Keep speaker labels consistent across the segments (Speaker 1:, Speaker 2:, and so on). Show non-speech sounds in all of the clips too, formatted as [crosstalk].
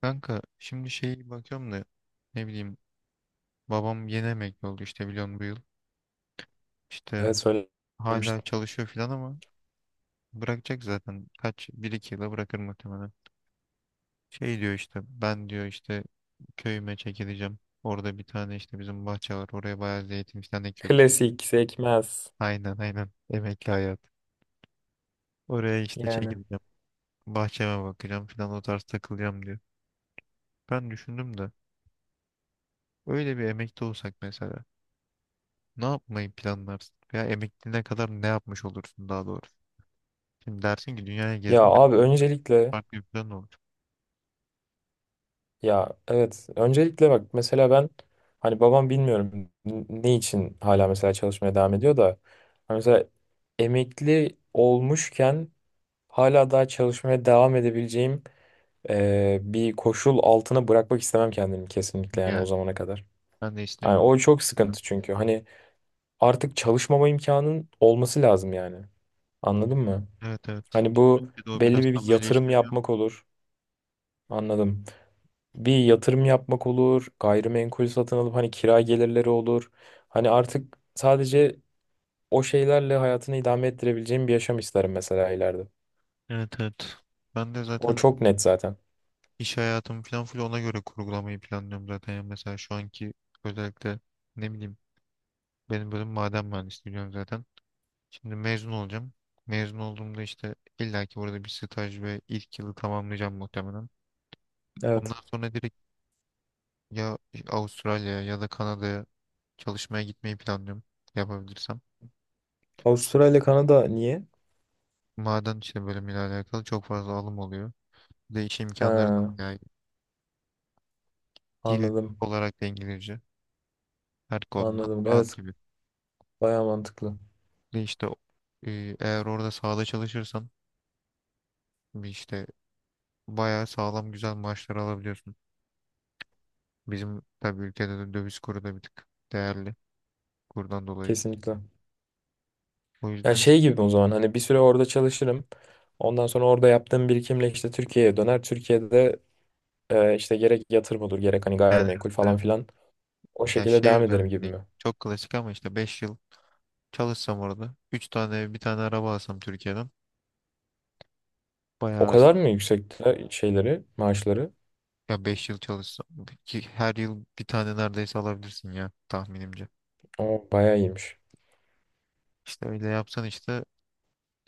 Speaker 1: Kanka şimdi bakıyorum da, ne bileyim babam yeni emekli oldu işte, biliyorsun, bu yıl. İşte
Speaker 2: Evet,
Speaker 1: hala
Speaker 2: söylemiştim.
Speaker 1: çalışıyor filan ama bırakacak zaten, kaç bir iki yıla bırakır muhtemelen. Şey diyor işte, ben diyor işte köyüme çekileceğim. Orada bir tane işte bizim bahçe var, oraya bayağı zeytin filan ekiyorsun.
Speaker 2: Klasik sekmez
Speaker 1: Aynen aynen, emekli hayat. Oraya işte
Speaker 2: yani.
Speaker 1: çekileceğim. Bahçeme bakacağım filan, o tarz takılacağım diyor. Ben düşündüm de, öyle bir emekli olsak mesela. Ne yapmayı planlarsın? Veya emekliliğine kadar ne yapmış olursun daha doğrusu? Şimdi dersin ki dünyaya
Speaker 2: Ya
Speaker 1: gezdim ve
Speaker 2: abi, öncelikle
Speaker 1: farklı bir plan olur.
Speaker 2: ya evet, öncelikle bak mesela ben hani babam bilmiyorum ne için hala mesela çalışmaya devam ediyor da hani mesela emekli olmuşken hala daha çalışmaya devam edebileceğim bir koşul altına bırakmak istemem kendimi kesinlikle yani o
Speaker 1: Yani
Speaker 2: zamana kadar.
Speaker 1: ben de
Speaker 2: Yani
Speaker 1: istemiyorum.
Speaker 2: o çok sıkıntı çünkü hani artık çalışmama imkanın olması lazım yani. Anladın mı?
Speaker 1: Evet evet.
Speaker 2: Hani bu
Speaker 1: Türkiye'de o
Speaker 2: belli
Speaker 1: biraz
Speaker 2: bir
Speaker 1: tam öyle
Speaker 2: yatırım
Speaker 1: işlemiyor.
Speaker 2: yapmak olur. Anladım. Bir yatırım yapmak olur. Gayrimenkul satın alıp hani kira gelirleri olur. Hani artık sadece o şeylerle hayatını idame ettirebileceğim bir yaşam isterim mesela ileride.
Speaker 1: Evet evet. Ben de
Speaker 2: O
Speaker 1: zaten
Speaker 2: çok net zaten.
Speaker 1: iş hayatımı falan full ona göre kurgulamayı planlıyorum zaten. Yani mesela şu anki, özellikle, ne bileyim benim bölüm maden mühendisliği, biliyorum zaten. Şimdi mezun olacağım. Mezun olduğumda işte illaki burada bir staj ve ilk yılı tamamlayacağım muhtemelen. Ondan
Speaker 2: Evet.
Speaker 1: sonra direkt, ya Avustralya'ya ya da Kanada'ya çalışmaya gitmeyi planlıyorum, yapabilirsem.
Speaker 2: Avustralya ile Kanada niye?
Speaker 1: Maden işte bölümüyle alakalı çok fazla alım oluyor. Bir de iş imkanları da
Speaker 2: Ha,
Speaker 1: bayağı iyi. Dil
Speaker 2: anladım.
Speaker 1: olarak da İngilizce her konuda
Speaker 2: Anladım.
Speaker 1: rahat
Speaker 2: Evet.
Speaker 1: gibi.
Speaker 2: Baya mantıklı.
Speaker 1: Bir de işte, eğer orada sahada çalışırsan bir işte bayağı sağlam güzel maaşlar alabiliyorsun. Bizim tabii ülkede de döviz kuru da bir tık değerli, kurdan dolayı.
Speaker 2: Kesinlikle.
Speaker 1: O
Speaker 2: Yani
Speaker 1: yüzden işte,
Speaker 2: şey gibi, o zaman hani bir süre orada çalışırım. Ondan sonra orada yaptığım birikimle işte Türkiye'ye döner. Türkiye'de işte gerek yatırım olur gerek hani
Speaker 1: yani
Speaker 2: gayrimenkul falan
Speaker 1: evet,
Speaker 2: filan o
Speaker 1: ya
Speaker 2: şekilde devam ederim gibi
Speaker 1: özellikle
Speaker 2: mi?
Speaker 1: çok klasik ama işte 5 yıl çalışsam orada. Üç tane ev, bir tane araba alsam Türkiye'den.
Speaker 2: O
Speaker 1: Bayağı,
Speaker 2: kadar mı yüksekte şeyleri, maaşları?
Speaker 1: ya 5 yıl çalışsam ki her yıl bir tane neredeyse alabilirsin ya, tahminimce.
Speaker 2: O bayağı iyiymiş.
Speaker 1: İşte öyle yapsan işte,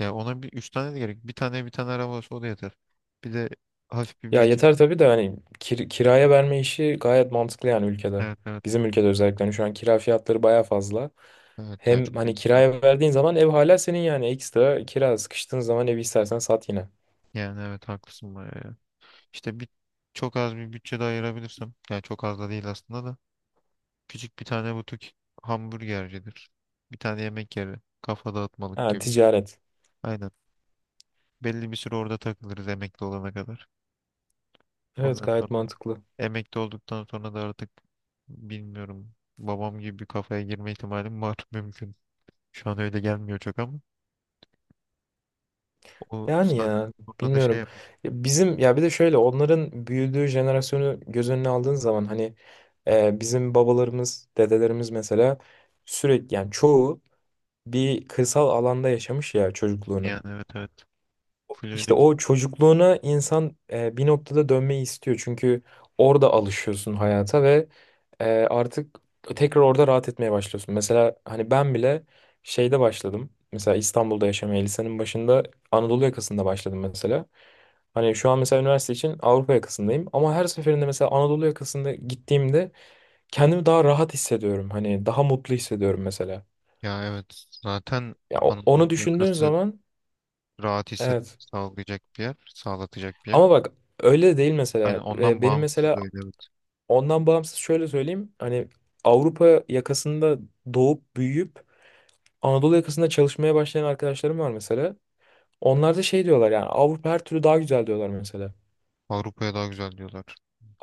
Speaker 1: ya ona bir 3 tane de gerek. Bir tane araba olsa o da yeter. Bir de hafif bir
Speaker 2: Ya
Speaker 1: birikim.
Speaker 2: yeter tabii de hani kiraya verme işi gayet mantıklı yani ülkede.
Speaker 1: Evet evet.
Speaker 2: Bizim ülkede özellikle hani şu an kira fiyatları bayağı fazla.
Speaker 1: Evet ya, çok
Speaker 2: Hem hani
Speaker 1: ekstra.
Speaker 2: kiraya verdiğin zaman ev hala senin yani, ekstra kira sıkıştığın zaman evi istersen sat yine.
Speaker 1: Yani evet, haklısın bayağı ya. İşte bir çok az bir bütçe de ayırabilirsem. Yani çok az da değil aslında da. Küçük bir tane butik hamburgercidir. Bir tane yemek yeri. Kafa dağıtmalık
Speaker 2: Ha,
Speaker 1: gibi.
Speaker 2: ticaret.
Speaker 1: Aynen. Belli bir süre orada takılırız, emekli olana kadar.
Speaker 2: Evet,
Speaker 1: Ondan
Speaker 2: gayet
Speaker 1: sonra,
Speaker 2: mantıklı.
Speaker 1: emekli olduktan sonra da artık, bilmiyorum, babam gibi bir kafaya girme ihtimalim var [laughs] mümkün. Şu an öyle gelmiyor çok ama, o
Speaker 2: Yani
Speaker 1: saatten
Speaker 2: ya
Speaker 1: sonra da şey
Speaker 2: bilmiyorum.
Speaker 1: yapayım,
Speaker 2: Ya bizim, ya bir de şöyle, onların büyüdüğü jenerasyonu göz önüne aldığın zaman hani bizim babalarımız, dedelerimiz mesela sürekli yani çoğu bir kırsal alanda yaşamış ya çocukluğunu.
Speaker 1: yani evet evet. Full
Speaker 2: İşte
Speaker 1: öyle bir...
Speaker 2: o çocukluğuna insan bir noktada dönmeyi istiyor. Çünkü orada alışıyorsun hayata ve artık tekrar orada rahat etmeye başlıyorsun. Mesela hani ben bile şeyde başladım. Mesela İstanbul'da yaşamaya lisenin başında Anadolu yakasında başladım mesela. Hani şu an mesela üniversite için Avrupa yakasındayım, ama her seferinde mesela Anadolu yakasında gittiğimde kendimi daha rahat hissediyorum. Hani daha mutlu hissediyorum mesela.
Speaker 1: Ya evet zaten,
Speaker 2: Ya
Speaker 1: Anadolu
Speaker 2: onu düşündüğün
Speaker 1: yakası
Speaker 2: zaman
Speaker 1: rahat
Speaker 2: evet.
Speaker 1: hissetmek sağlayacak bir yer, sağlatacak bir yer.
Speaker 2: Ama bak, öyle de değil
Speaker 1: Hani
Speaker 2: mesela.
Speaker 1: ondan
Speaker 2: Benim
Speaker 1: bağımsız
Speaker 2: mesela
Speaker 1: da öyle, evet.
Speaker 2: ondan bağımsız şöyle söyleyeyim. Hani Avrupa yakasında doğup büyüyüp Anadolu yakasında çalışmaya başlayan arkadaşlarım var mesela. Onlar da şey diyorlar, yani Avrupa her türlü daha güzel diyorlar mesela.
Speaker 1: Avrupa'ya daha güzel diyorlar.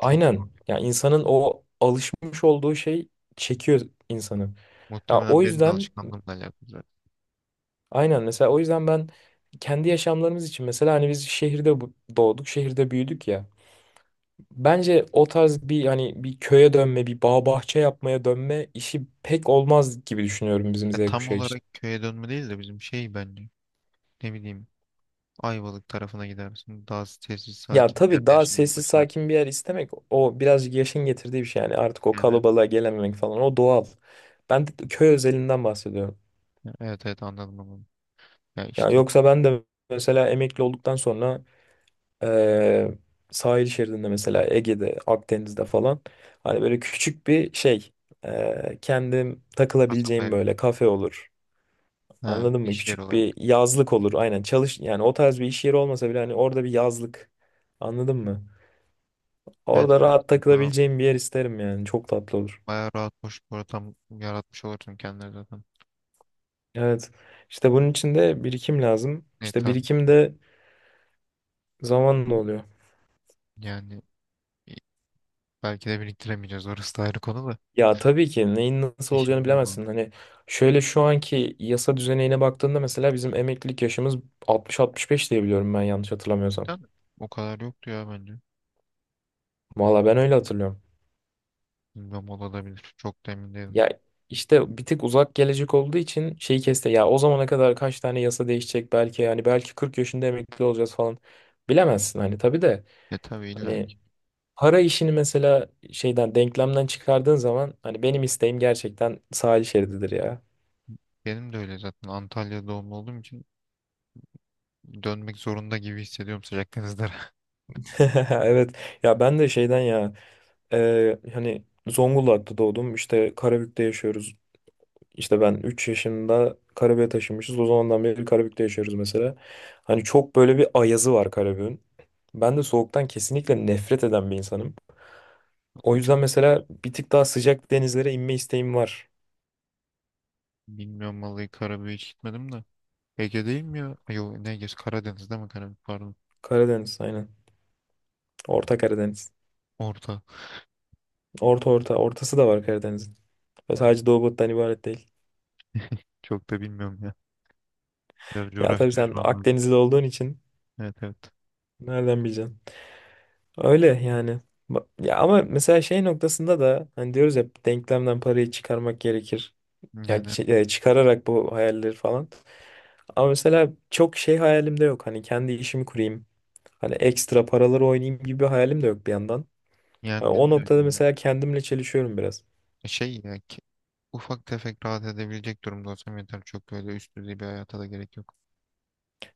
Speaker 1: Çok zor.
Speaker 2: Yani insanın o alışmış olduğu şey çekiyor insanı. Ya
Speaker 1: Muhtemelen
Speaker 2: o
Speaker 1: benim de
Speaker 2: yüzden,
Speaker 1: alışkanlığımla alakalı zaten.
Speaker 2: aynen mesela o yüzden ben kendi yaşamlarımız için mesela hani biz şehirde doğduk, şehirde büyüdük ya. Bence o tarz bir hani bir köye dönme, bir bağ bahçe yapmaya dönme işi pek olmaz gibi düşünüyorum bizim
Speaker 1: Ya
Speaker 2: Z
Speaker 1: tam
Speaker 2: kuşağı
Speaker 1: olarak
Speaker 2: için.
Speaker 1: köye dönme değil de bizim bence, ne bileyim Ayvalık tarafına gidersin. Daha sessiz
Speaker 2: Ya
Speaker 1: sakin bir
Speaker 2: tabii
Speaker 1: yerde
Speaker 2: daha
Speaker 1: yaşamaya
Speaker 2: sessiz sakin
Speaker 1: başlarsın.
Speaker 2: bir yer istemek o birazcık yaşın getirdiği bir şey yani, artık o
Speaker 1: Yani evet.
Speaker 2: kalabalığa gelememek falan, o doğal. Ben de köy özelinden bahsediyorum.
Speaker 1: Ya, evet evet, anladım onu. Ya
Speaker 2: Ya
Speaker 1: işte
Speaker 2: yoksa ben de mesela emekli olduktan sonra eee, sahil şeridinde mesela Ege'de, Akdeniz'de falan hani böyle küçük bir şey, kendim
Speaker 1: kasaba
Speaker 2: takılabileceğim
Speaker 1: evi.
Speaker 2: böyle kafe olur.
Speaker 1: Ha,
Speaker 2: Anladın mı?
Speaker 1: iş yeri
Speaker 2: Küçük bir
Speaker 1: olarak.
Speaker 2: yazlık olur. Aynen çalış yani, o tarz bir iş yeri olmasa bile hani orada bir yazlık. Anladın mı?
Speaker 1: Evet
Speaker 2: Orada
Speaker 1: evet.
Speaker 2: rahat
Speaker 1: Daha
Speaker 2: takılabileceğim bir yer isterim yani. Çok tatlı olur.
Speaker 1: bayağı rahat boş bir ortam yaratmış olursun kendine zaten.
Speaker 2: Evet. İşte bunun için de birikim lazım.
Speaker 1: E
Speaker 2: İşte
Speaker 1: tabii,
Speaker 2: birikim de zamanla oluyor.
Speaker 1: yani i- belki de biriktiremeyeceğiz, orası da ayrı konu da.
Speaker 2: Ya tabii ki neyin nasıl olacağını
Speaker 1: İşimize bağlı.
Speaker 2: bilemezsin. Hani şöyle, şu anki yasa düzenine baktığında mesela bizim emeklilik yaşımız 60-65 diye biliyorum ben, yanlış hatırlamıyorsam.
Speaker 1: Değil mi? O kadar yoktu ya bence.
Speaker 2: Valla ben öyle hatırlıyorum.
Speaker 1: Bilmem, olabilir. Çok da emin değilim.
Speaker 2: Ya işte bir tık uzak gelecek olduğu için şeyi keste. Ya o zamana kadar kaç tane yasa değişecek belki, yani belki 40 yaşında emekli olacağız falan. Bilemezsin hani, tabii de.
Speaker 1: E tabii, illa
Speaker 2: Hani
Speaker 1: ki.
Speaker 2: para işini mesela şeyden, denklemden çıkardığın zaman hani benim isteğim gerçekten sahil şerididir ya.
Speaker 1: Benim de öyle zaten. Antalya doğumlu olduğum için dönmek zorunda gibi hissediyorum, sıcak.
Speaker 2: [laughs] Evet, ya ben de şeyden ya, hani Zonguldak'ta doğdum, işte Karabük'te yaşıyoruz. İşte ben 3 yaşında Karabük'e taşınmışız, o zamandan beri Karabük'te yaşıyoruz mesela. Hani çok böyle bir ayazı var Karabük'ün. Ben de soğuktan kesinlikle nefret eden bir insanım. O
Speaker 1: Vallahi
Speaker 2: yüzden
Speaker 1: çok
Speaker 2: mesela bir tık daha sıcak denizlere inme isteğim var.
Speaker 1: bilmiyorum vallahi, Karabük'e hiç gitmedim de. Ege değil mi ya? Ay, yok ne Ege? Karadeniz değil mi Karabük, pardon.
Speaker 2: Karadeniz, aynen. Orta Karadeniz.
Speaker 1: Orta.
Speaker 2: Orta, orta ortası da var Karadeniz'in. Sadece Doğu Batı'dan ibaret değil.
Speaker 1: Çok da bilmiyorum ya. Biraz
Speaker 2: Ya
Speaker 1: coğrafya
Speaker 2: tabii sen
Speaker 1: çalışmam lazım.
Speaker 2: Akdenizli olduğun için
Speaker 1: Evet evet.
Speaker 2: nereden bileceksin? Öyle yani. Ya ama mesela şey noktasında da hani diyoruz ya, denklemden parayı çıkarmak gerekir. Yani
Speaker 1: Yani
Speaker 2: çıkararak bu hayalleri falan. Ama mesela çok şey hayalim de yok. Hani kendi işimi kurayım, hani ekstra paraları oynayayım gibi bir hayalim de yok bir yandan. Ha,
Speaker 1: yani benim
Speaker 2: o
Speaker 1: de
Speaker 2: noktada
Speaker 1: öyle.
Speaker 2: mesela kendimle çelişiyorum biraz.
Speaker 1: şey ya ki, Ufak tefek rahat edebilecek durumda olsam yeter. Çok öyle üst düzey bir hayata da gerek yok.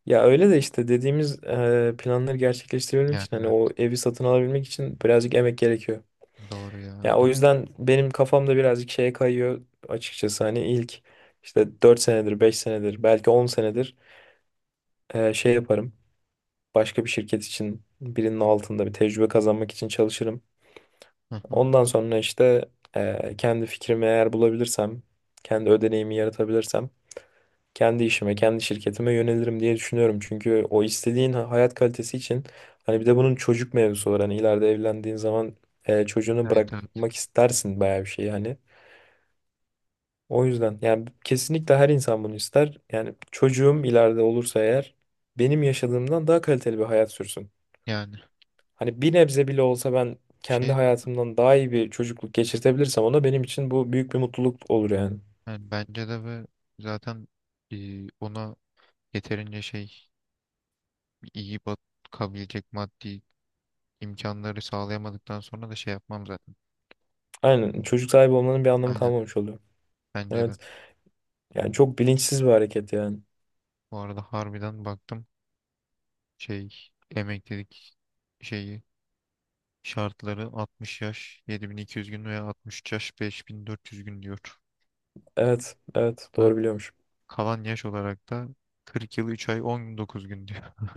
Speaker 2: Ya öyle de işte dediğimiz planları gerçekleştirebilmek
Speaker 1: Yani
Speaker 2: için hani
Speaker 1: evet,
Speaker 2: o evi satın alabilmek için birazcık emek gerekiyor.
Speaker 1: doğru ya
Speaker 2: Ya o
Speaker 1: öyle.
Speaker 2: yüzden benim kafamda birazcık şeye kayıyor açıkçası, hani ilk işte 4 senedir, 5 senedir, belki 10 senedir şey yaparım. Başka bir şirket için birinin altında bir tecrübe kazanmak için çalışırım.
Speaker 1: Hı hı.
Speaker 2: Ondan sonra işte kendi fikrimi eğer bulabilirsem, kendi ödeneğimi yaratabilirsem kendi işime, kendi şirketime yönelirim diye düşünüyorum. Çünkü o istediğin hayat kalitesi için hani bir de bunun çocuk mevzusu var. Hani ileride evlendiğin zaman çocuğunu
Speaker 1: Evet evet.
Speaker 2: bırakmak istersin bayağı bir şey yani. O yüzden yani kesinlikle her insan bunu ister. Yani çocuğum ileride olursa eğer benim yaşadığımdan daha kaliteli bir hayat sürsün.
Speaker 1: Yani
Speaker 2: Hani bir nebze bile olsa ben kendi
Speaker 1: şey zaten-
Speaker 2: hayatımdan daha iyi bir çocukluk geçirtebilirsem ona, benim için bu büyük bir mutluluk olur yani.
Speaker 1: yani bence de. Ve zaten ona yeterince iyi bakabilecek maddi imkanları sağlayamadıktan sonra da şey yapmam zaten.
Speaker 2: Aynen, çocuk sahibi olmanın bir anlamı
Speaker 1: Aynen.
Speaker 2: kalmamış oluyor.
Speaker 1: Bence de.
Speaker 2: Evet. Yani çok bilinçsiz bir hareket yani.
Speaker 1: Bu arada harbiden baktım, emeklilik şeyi şartları 60 yaş 7200 gün veya 63 yaş 5400 gün diyor.
Speaker 2: Evet, evet
Speaker 1: Ve
Speaker 2: doğru biliyormuş.
Speaker 1: kalan yaş olarak da 40 yıl 3 ay 19 gün diyor. [laughs]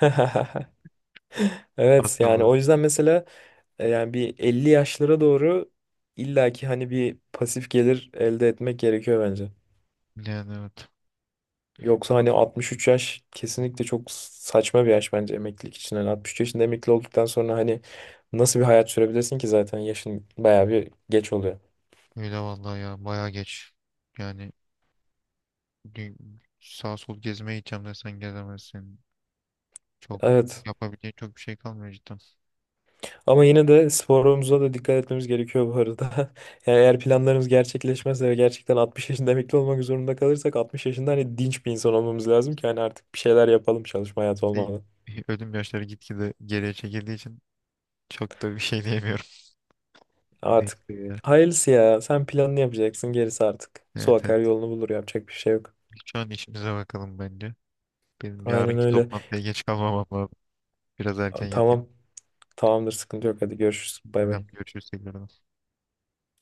Speaker 2: [laughs]
Speaker 1: Az
Speaker 2: Evet, yani
Speaker 1: kaldı.
Speaker 2: o yüzden mesela yani bir 50 yaşlara doğru illaki hani bir pasif gelir elde etmek gerekiyor bence.
Speaker 1: Yani evet.
Speaker 2: Yoksa hani 63 yaş kesinlikle çok saçma bir yaş bence emeklilik için. Hani 63 yaşında emekli olduktan sonra hani nasıl bir hayat sürebilirsin ki zaten, yaşın bayağı bir geç oluyor.
Speaker 1: Öyle vallahi ya, baya geç. Yani sağ sol gezmeye gideceğim desen gezemezsin. Çok
Speaker 2: Evet.
Speaker 1: Yapabileceğin çok bir şey kalmıyor cidden.
Speaker 2: Ama yine de sporumuza da dikkat etmemiz gerekiyor bu arada. [laughs] Yani eğer planlarımız gerçekleşmezse ve gerçekten 60 yaşında emekli olmak zorunda kalırsak, 60 yaşında hani dinç bir insan olmamız lazım ki hani artık bir şeyler yapalım çalışma hayatı
Speaker 1: Değil.
Speaker 2: olmadan.
Speaker 1: [laughs] Ölüm yaşları gitgide geriye çekildiği için çok da bir şey diyemiyorum. [laughs] Net
Speaker 2: Artık
Speaker 1: ya.
Speaker 2: hayırlısı ya, sen planını yapacaksın gerisi artık. Su
Speaker 1: Evet evet.
Speaker 2: akar yolunu bulur, yapacak bir şey yok.
Speaker 1: Şu an işimize bakalım bence. Benim
Speaker 2: Aynen
Speaker 1: yarınki
Speaker 2: öyle.
Speaker 1: toplantıya geç kalmamam lazım. Biraz erken yatayım.
Speaker 2: Tamam, tamamdır, sıkıntı yok, hadi görüşürüz, bay
Speaker 1: Bakalım,
Speaker 2: bay.
Speaker 1: görüşürüz tekrardan.